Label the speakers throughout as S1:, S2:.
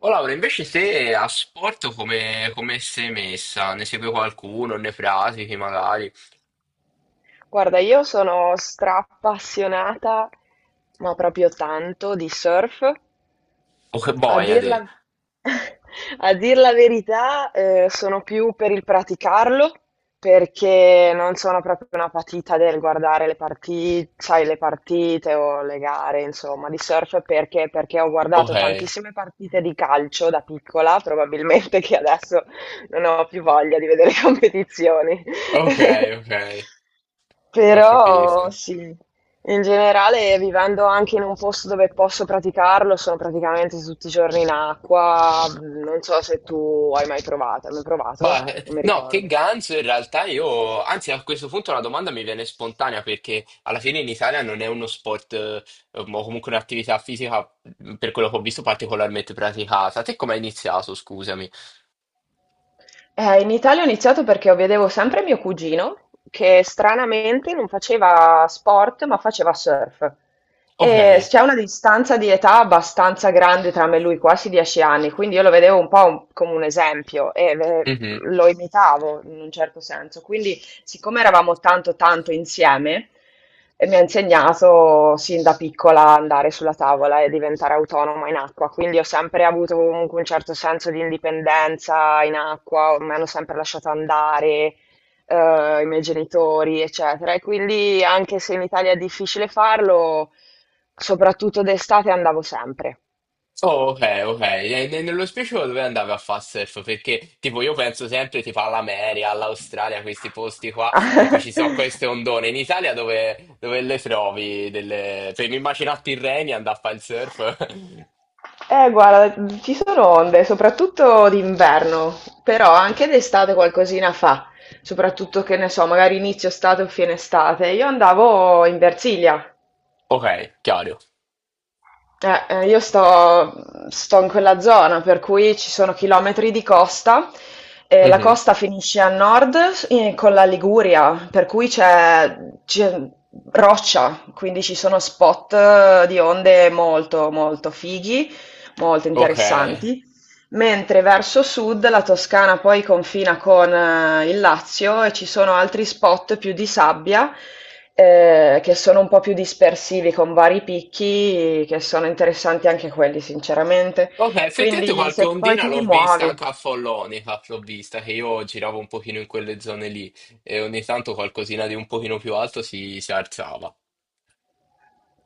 S1: Oh Laura, invece se a sport come, come sei messa? Ne segui qualcuno? Ne pratichi magari?
S2: Guarda, io sono stra appassionata, ma proprio tanto, di surf.
S1: O che
S2: A
S1: boia
S2: dir
S1: te?
S2: la, a dir la verità, sono più per il praticarlo perché non sono proprio una patita del guardare le partite, sai, le partite o le gare, insomma, di surf perché ho
S1: Ok,
S2: guardato tantissime partite di calcio da piccola, probabilmente che adesso non ho più voglia di vedere competizioni.
S1: ok, ok, ho
S2: Però
S1: capito.
S2: sì. In generale, vivendo anche in un posto dove posso praticarlo, sono praticamente tutti i giorni in acqua. Non so se tu hai mai provato. Hai mai provato?
S1: Ma
S2: Non mi
S1: no, che
S2: ricordo.
S1: ganzo in realtà io, anzi a questo punto la domanda mi viene spontanea perché alla fine in Italia non è uno sport o comunque un'attività fisica per quello che ho visto particolarmente praticata. Te come hai iniziato, scusami?
S2: In Italia ho iniziato perché vedevo sempre mio cugino, che stranamente non faceva sport, ma faceva surf.
S1: Ok.
S2: E c'è una distanza di età abbastanza grande tra me e lui, quasi 10 anni, quindi io lo vedevo un po' come un esempio e lo imitavo in un certo senso. Quindi, siccome eravamo tanto tanto insieme, mi ha insegnato sin da piccola a andare sulla tavola e diventare autonoma in acqua, quindi ho sempre avuto comunque un certo senso di indipendenza in acqua, mi hanno sempre lasciato andare, i miei genitori, eccetera. E quindi anche se in Italia è difficile farlo, soprattutto d'estate andavo sempre.
S1: Oh, ok, ok. E nello specifico dove andavi a fare surf? Perché tipo io penso sempre tipo all'America, all'Australia, questi posti qua in cui ci sono queste ondone. In Italia dove, dove le trovi? Delle... Per mi immagino a Tirrenia andare a fare il surf.
S2: Guarda, ci sono onde, soprattutto d'inverno, però anche d'estate qualcosina fa, soprattutto che ne so, magari inizio estate o fine estate. Io andavo in Versilia,
S1: Ok, chiaro.
S2: eh, eh, io sto, sto in quella zona, per cui ci sono chilometri di costa, e la
S1: Mhm.
S2: costa finisce a nord con la Liguria, per cui c'è roccia, quindi ci sono spot di onde molto, molto fighi, molto
S1: Ok.
S2: interessanti. Mentre verso sud la Toscana poi confina con il Lazio e ci sono altri spot più di sabbia, che sono un po' più dispersivi con vari picchi che sono interessanti anche quelli sinceramente.
S1: Ok, effettivamente
S2: Quindi
S1: qualche
S2: se poi
S1: ondina
S2: ti
S1: l'ho vista
S2: muovi.
S1: anche a Follonica, l'ho vista, che io giravo un pochino in quelle zone lì e ogni tanto qualcosina di un pochino più alto si alzava.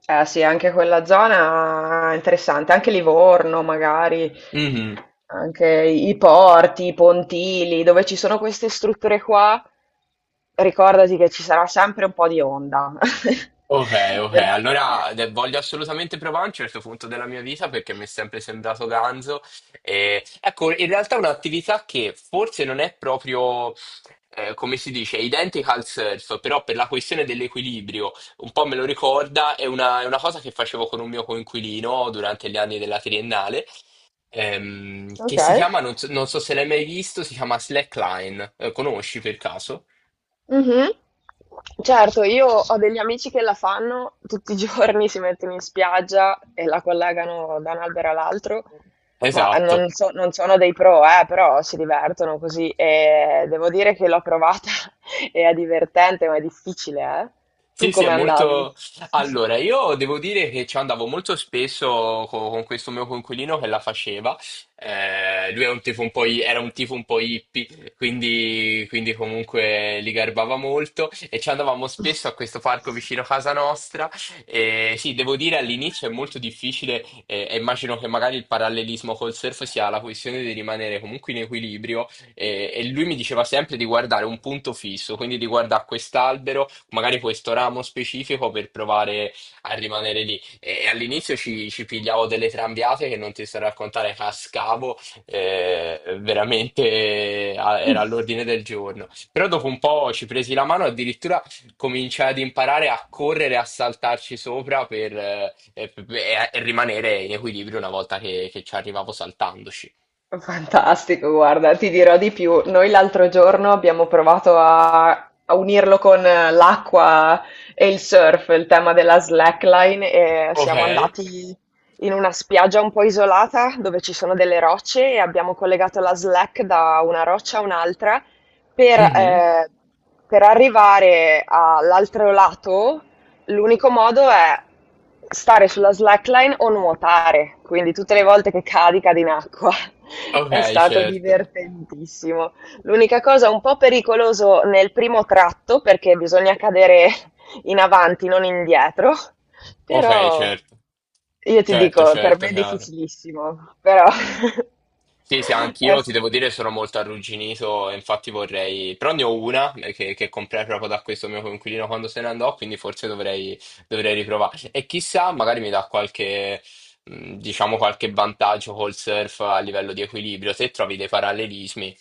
S2: Eh sì, anche quella zona è interessante, anche Livorno magari,
S1: Mhm.
S2: anche i porti, i pontili, dove ci sono queste strutture qua, ricordati che ci sarà sempre un po' di onda.
S1: Ok, ok,
S2: Per-
S1: allora voglio assolutamente provare a un certo punto della mia vita perché mi è sempre sembrato ganzo. E, ecco, in realtà è un'attività che forse non è proprio, come si dice, identica al surf, però per la questione dell'equilibrio, un po' me lo ricorda, è una cosa che facevo con un mio coinquilino durante gli anni della triennale,
S2: Ok.
S1: che si chiama, non so, non so se l'hai mai visto, si chiama slackline. Conosci per caso?
S2: Mhm. Certo, io ho degli amici che la fanno tutti i giorni, si mettono in spiaggia e la collegano da un albero all'altro, ma
S1: Esatto.
S2: non sono dei pro, però si divertono così e devo dire che l'ho provata e è divertente, ma è difficile, eh.
S1: Sì,
S2: Tu
S1: sì, è
S2: come andavi?
S1: molto... Allora, io devo dire che ci andavo molto spesso con questo mio coinquilino che la faceva. Lui è un tipo un po', era un tipo un po' hippie, quindi comunque li garbava molto e ci andavamo spesso a questo parco vicino a casa nostra. E sì, devo dire all'inizio è molto difficile e immagino che magari il parallelismo col surf sia la questione di rimanere comunque in equilibrio e lui mi diceva sempre di guardare un punto fisso, quindi di guardare quest'albero magari questo ramo specifico per provare a rimanere lì. E all'inizio ci pigliavo delle trambiate che non ti sto a raccontare, cascavo, era all'ordine del giorno. Però dopo un po' ci presi la mano, addirittura cominciai ad imparare a correre, a saltarci sopra per, e rimanere in equilibrio una volta che ci arrivavo saltandoci.
S2: Fantastico, guarda, ti dirò di più. Noi l'altro giorno abbiamo provato a unirlo con l'acqua e il surf, il tema della slackline, e
S1: Ok.
S2: siamo andati in una spiaggia un po' isolata dove ci sono delle rocce e abbiamo collegato la slack da una roccia a un'altra per,
S1: Mhm.
S2: eh, per arrivare all'altro lato. L'unico modo è stare sulla slackline o nuotare, quindi tutte le volte che cadi, cadi in acqua.
S1: Ok,
S2: È stato
S1: certo,
S2: divertentissimo. L'unica cosa un po' pericoloso nel primo tratto perché bisogna cadere in avanti, non indietro,
S1: ok,
S2: però
S1: certo,
S2: io ti
S1: certo,
S2: dico, per
S1: certo,
S2: me è
S1: chiaro.
S2: difficilissimo, però
S1: Sì, sì,
S2: è
S1: anch'io ti
S2: s-
S1: devo dire sono molto arrugginito, e infatti vorrei... Però ne ho una che comprai proprio da questo mio coinquilino quando se ne andò, quindi forse dovrei riprovarci. E chissà, magari mi dà qualche, diciamo, qualche vantaggio col surf a livello di equilibrio, se trovi dei parallelismi.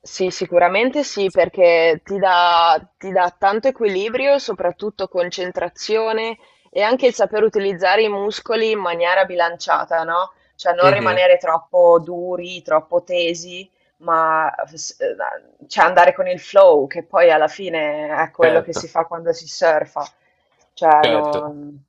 S2: Sì, sicuramente sì, perché ti dà tanto equilibrio, soprattutto concentrazione e anche il saper utilizzare i muscoli in maniera bilanciata, no? Cioè non
S1: Mhm.
S2: rimanere troppo duri, troppo tesi, ma cioè andare con il flow, che poi alla fine è quello che
S1: Certo,
S2: si fa quando si surfa. Cioè,
S1: certo.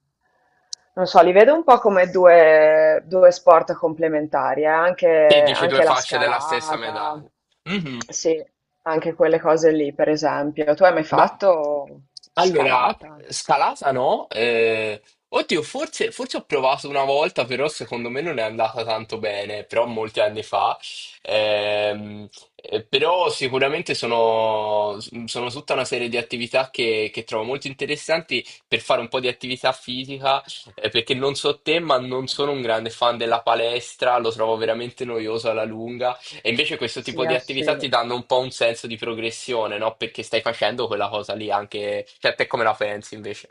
S2: non so, li vedo un po' come due sport complementari, eh. Anche,
S1: Che dici, due
S2: anche la
S1: facce della stessa
S2: scalata,
S1: medaglia. Mhm.
S2: sì, anche quelle cose lì, per esempio. Tu hai mai
S1: Ma
S2: fatto
S1: Allora,
S2: scalata?
S1: scalata no? Oddio, forse, forse ho provato una volta, però secondo me non è andata tanto bene, però molti anni fa. Ehm, però sicuramente sono tutta una serie di attività che trovo molto interessanti per fare un po' di attività fisica, perché non so te, ma non sono un grande fan della palestra, lo trovo veramente noioso alla lunga. E invece questo
S2: Sì,
S1: tipo di
S2: ah, sì.
S1: attività ti danno un po' un senso di progressione, no? Perché stai facendo quella cosa lì anche... Cioè, te come la pensi invece?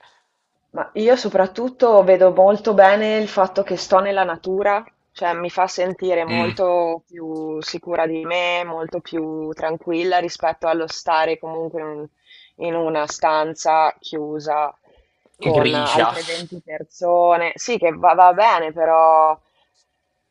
S2: Ma io soprattutto vedo molto bene il fatto che sto nella natura, cioè mi fa sentire
S1: Mm.
S2: molto più sicura di me, molto più tranquilla rispetto allo stare comunque in una stanza chiusa con
S1: Grigia.
S2: altre 20 persone. Sì, che va, va bene, però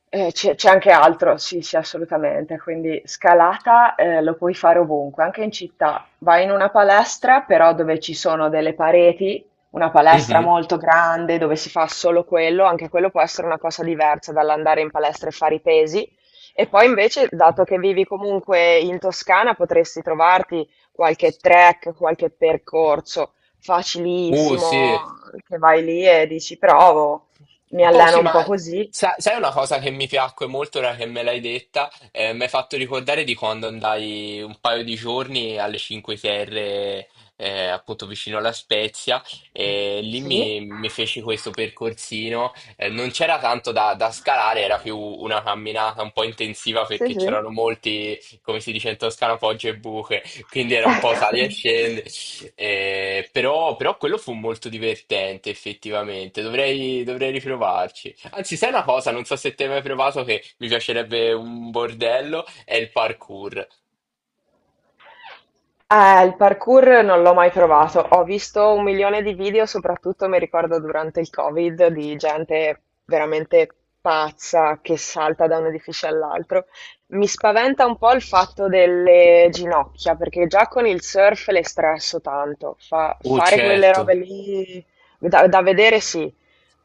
S2: c'è anche altro, sì, sì, assolutamente. Quindi scalata lo puoi fare ovunque, anche in città. Vai in una palestra, però dove ci sono delle pareti, una palestra
S1: Mhm.
S2: molto grande dove si fa solo quello, anche quello può essere una cosa diversa dall'andare in palestra e fare i pesi. E poi invece, dato che vivi comunque in Toscana, potresti trovarti qualche track, qualche percorso
S1: Sì.
S2: facilissimo, che vai lì e dici, provo, mi
S1: Oh sì,
S2: alleno un
S1: ma
S2: po' così.
S1: sai una cosa che mi piacque molto ora che me l'hai detta? Mi hai fatto ricordare di quando andai un paio di giorni alle Cinque Terre, appunto vicino alla Spezia, e lì mi feci questo percorsino. Non c'era tanto da scalare, era più una camminata un po' intensiva perché c'erano molti, come si dice in Toscana, poggi e buche, quindi era un po' sali e scendi. Però quello fu molto divertente effettivamente, dovrei riprovarci. Anzi, sai una cosa, non so se te hai mai provato che mi piacerebbe un bordello, è il parkour.
S2: Il parkour non l'ho mai provato. Ho visto un milione di video, soprattutto mi ricordo durante il Covid, di gente veramente pazza che salta da un edificio all'altro. Mi spaventa un po' il fatto delle ginocchia, perché già con il surf le stresso tanto.
S1: Oh,
S2: Fare quelle robe
S1: certo.
S2: lì da vedere sì,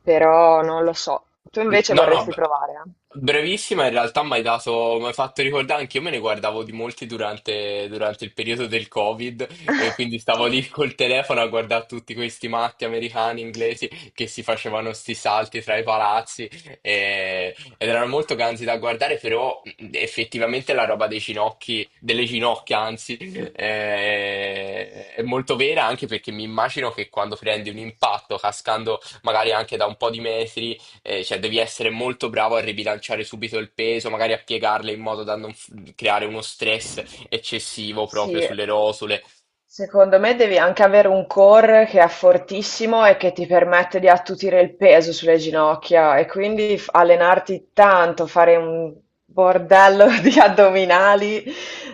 S2: però non lo so. Tu invece
S1: No, no,
S2: vorresti provare,
S1: brevissima, in realtà mi hai dato, mi hai fatto ricordare, anche io me ne guardavo di molti durante, durante il periodo del Covid, e quindi
S2: eh?
S1: stavo lì col telefono a guardare tutti questi matti americani, inglesi, che si facevano sti salti tra i palazzi, ed erano molto ganzi da guardare, però effettivamente la roba dei ginocchi, delle ginocchia anzi, è molto vera, anche perché mi immagino che quando prendi un impatto cascando magari anche da un po' di metri, cioè, devi essere molto bravo a ribilanciare subito il peso, magari a piegarle in modo da non creare uno stress eccessivo proprio
S2: Sì.
S1: sulle rosole.
S2: Secondo me devi anche avere un core che è fortissimo e che ti permette di attutire il peso sulle ginocchia e quindi allenarti tanto, fare un bordello di addominali.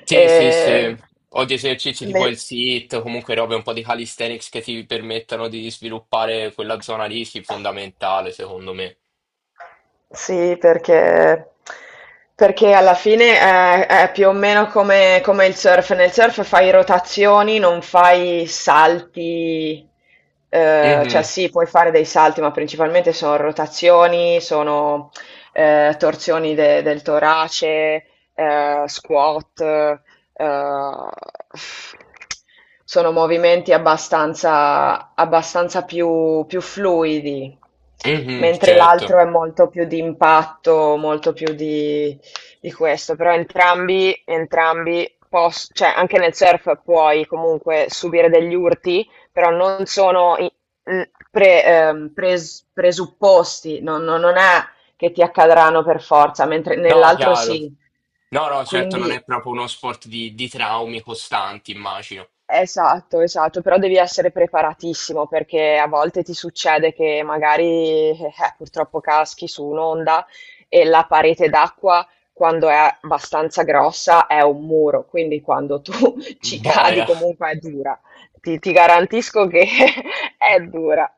S1: Sì, sì, sì.
S2: E
S1: O di esercizi
S2: le...
S1: tipo il sit, comunque robe un po' di calisthenics che ti permettano di sviluppare quella zona lì, sì, fondamentale, secondo me.
S2: Sì, perché perché alla fine è più o meno come come il surf. Nel surf fai rotazioni, non fai salti, cioè
S1: Mhm,
S2: sì, puoi fare dei salti, ma principalmente sono rotazioni, sono, torsioni de del torace, squat, ehm, sono movimenti abbastanza più fluidi,
S1: mhm,
S2: mentre
S1: certo.
S2: l'altro è molto più di impatto, molto più di questo, però entrambi, cioè anche nel surf puoi comunque subire degli urti, però non sono presupposti, non è che ti accadranno per forza, mentre
S1: No,
S2: nell'altro
S1: chiaro.
S2: sì.
S1: No, no, certo, non è
S2: Quindi,
S1: proprio uno sport di traumi costanti, immagino.
S2: esatto, esatto, però devi essere preparatissimo perché a volte ti succede che magari purtroppo caschi su un'onda e la parete d'acqua quando è abbastanza grossa è un muro, quindi quando tu ci cadi
S1: Boia,
S2: comunque è dura. Ti garantisco che è dura.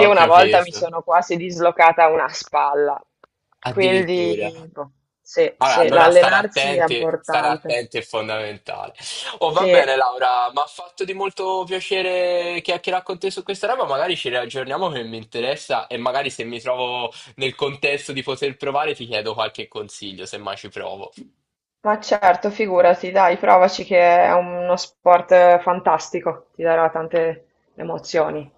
S1: ho
S2: una volta mi
S1: capito.
S2: sono quasi dislocata una spalla, quindi
S1: Addirittura.
S2: boh, sì,
S1: Vabbè,
S2: sì,
S1: allora
S2: l'allenarsi è
S1: stare
S2: importante.
S1: attenti è fondamentale. Oh, va
S2: Sì.
S1: bene, Laura, mi ha fatto di molto piacere chiacchierare con te su questa roba. Magari ci riaggiorniamo che mi interessa e magari se mi trovo nel contesto di poter provare ti chiedo qualche consiglio, se mai ci provo.
S2: Ma certo, figurati, dai, provaci che è uno sport fantastico, ti darà tante emozioni.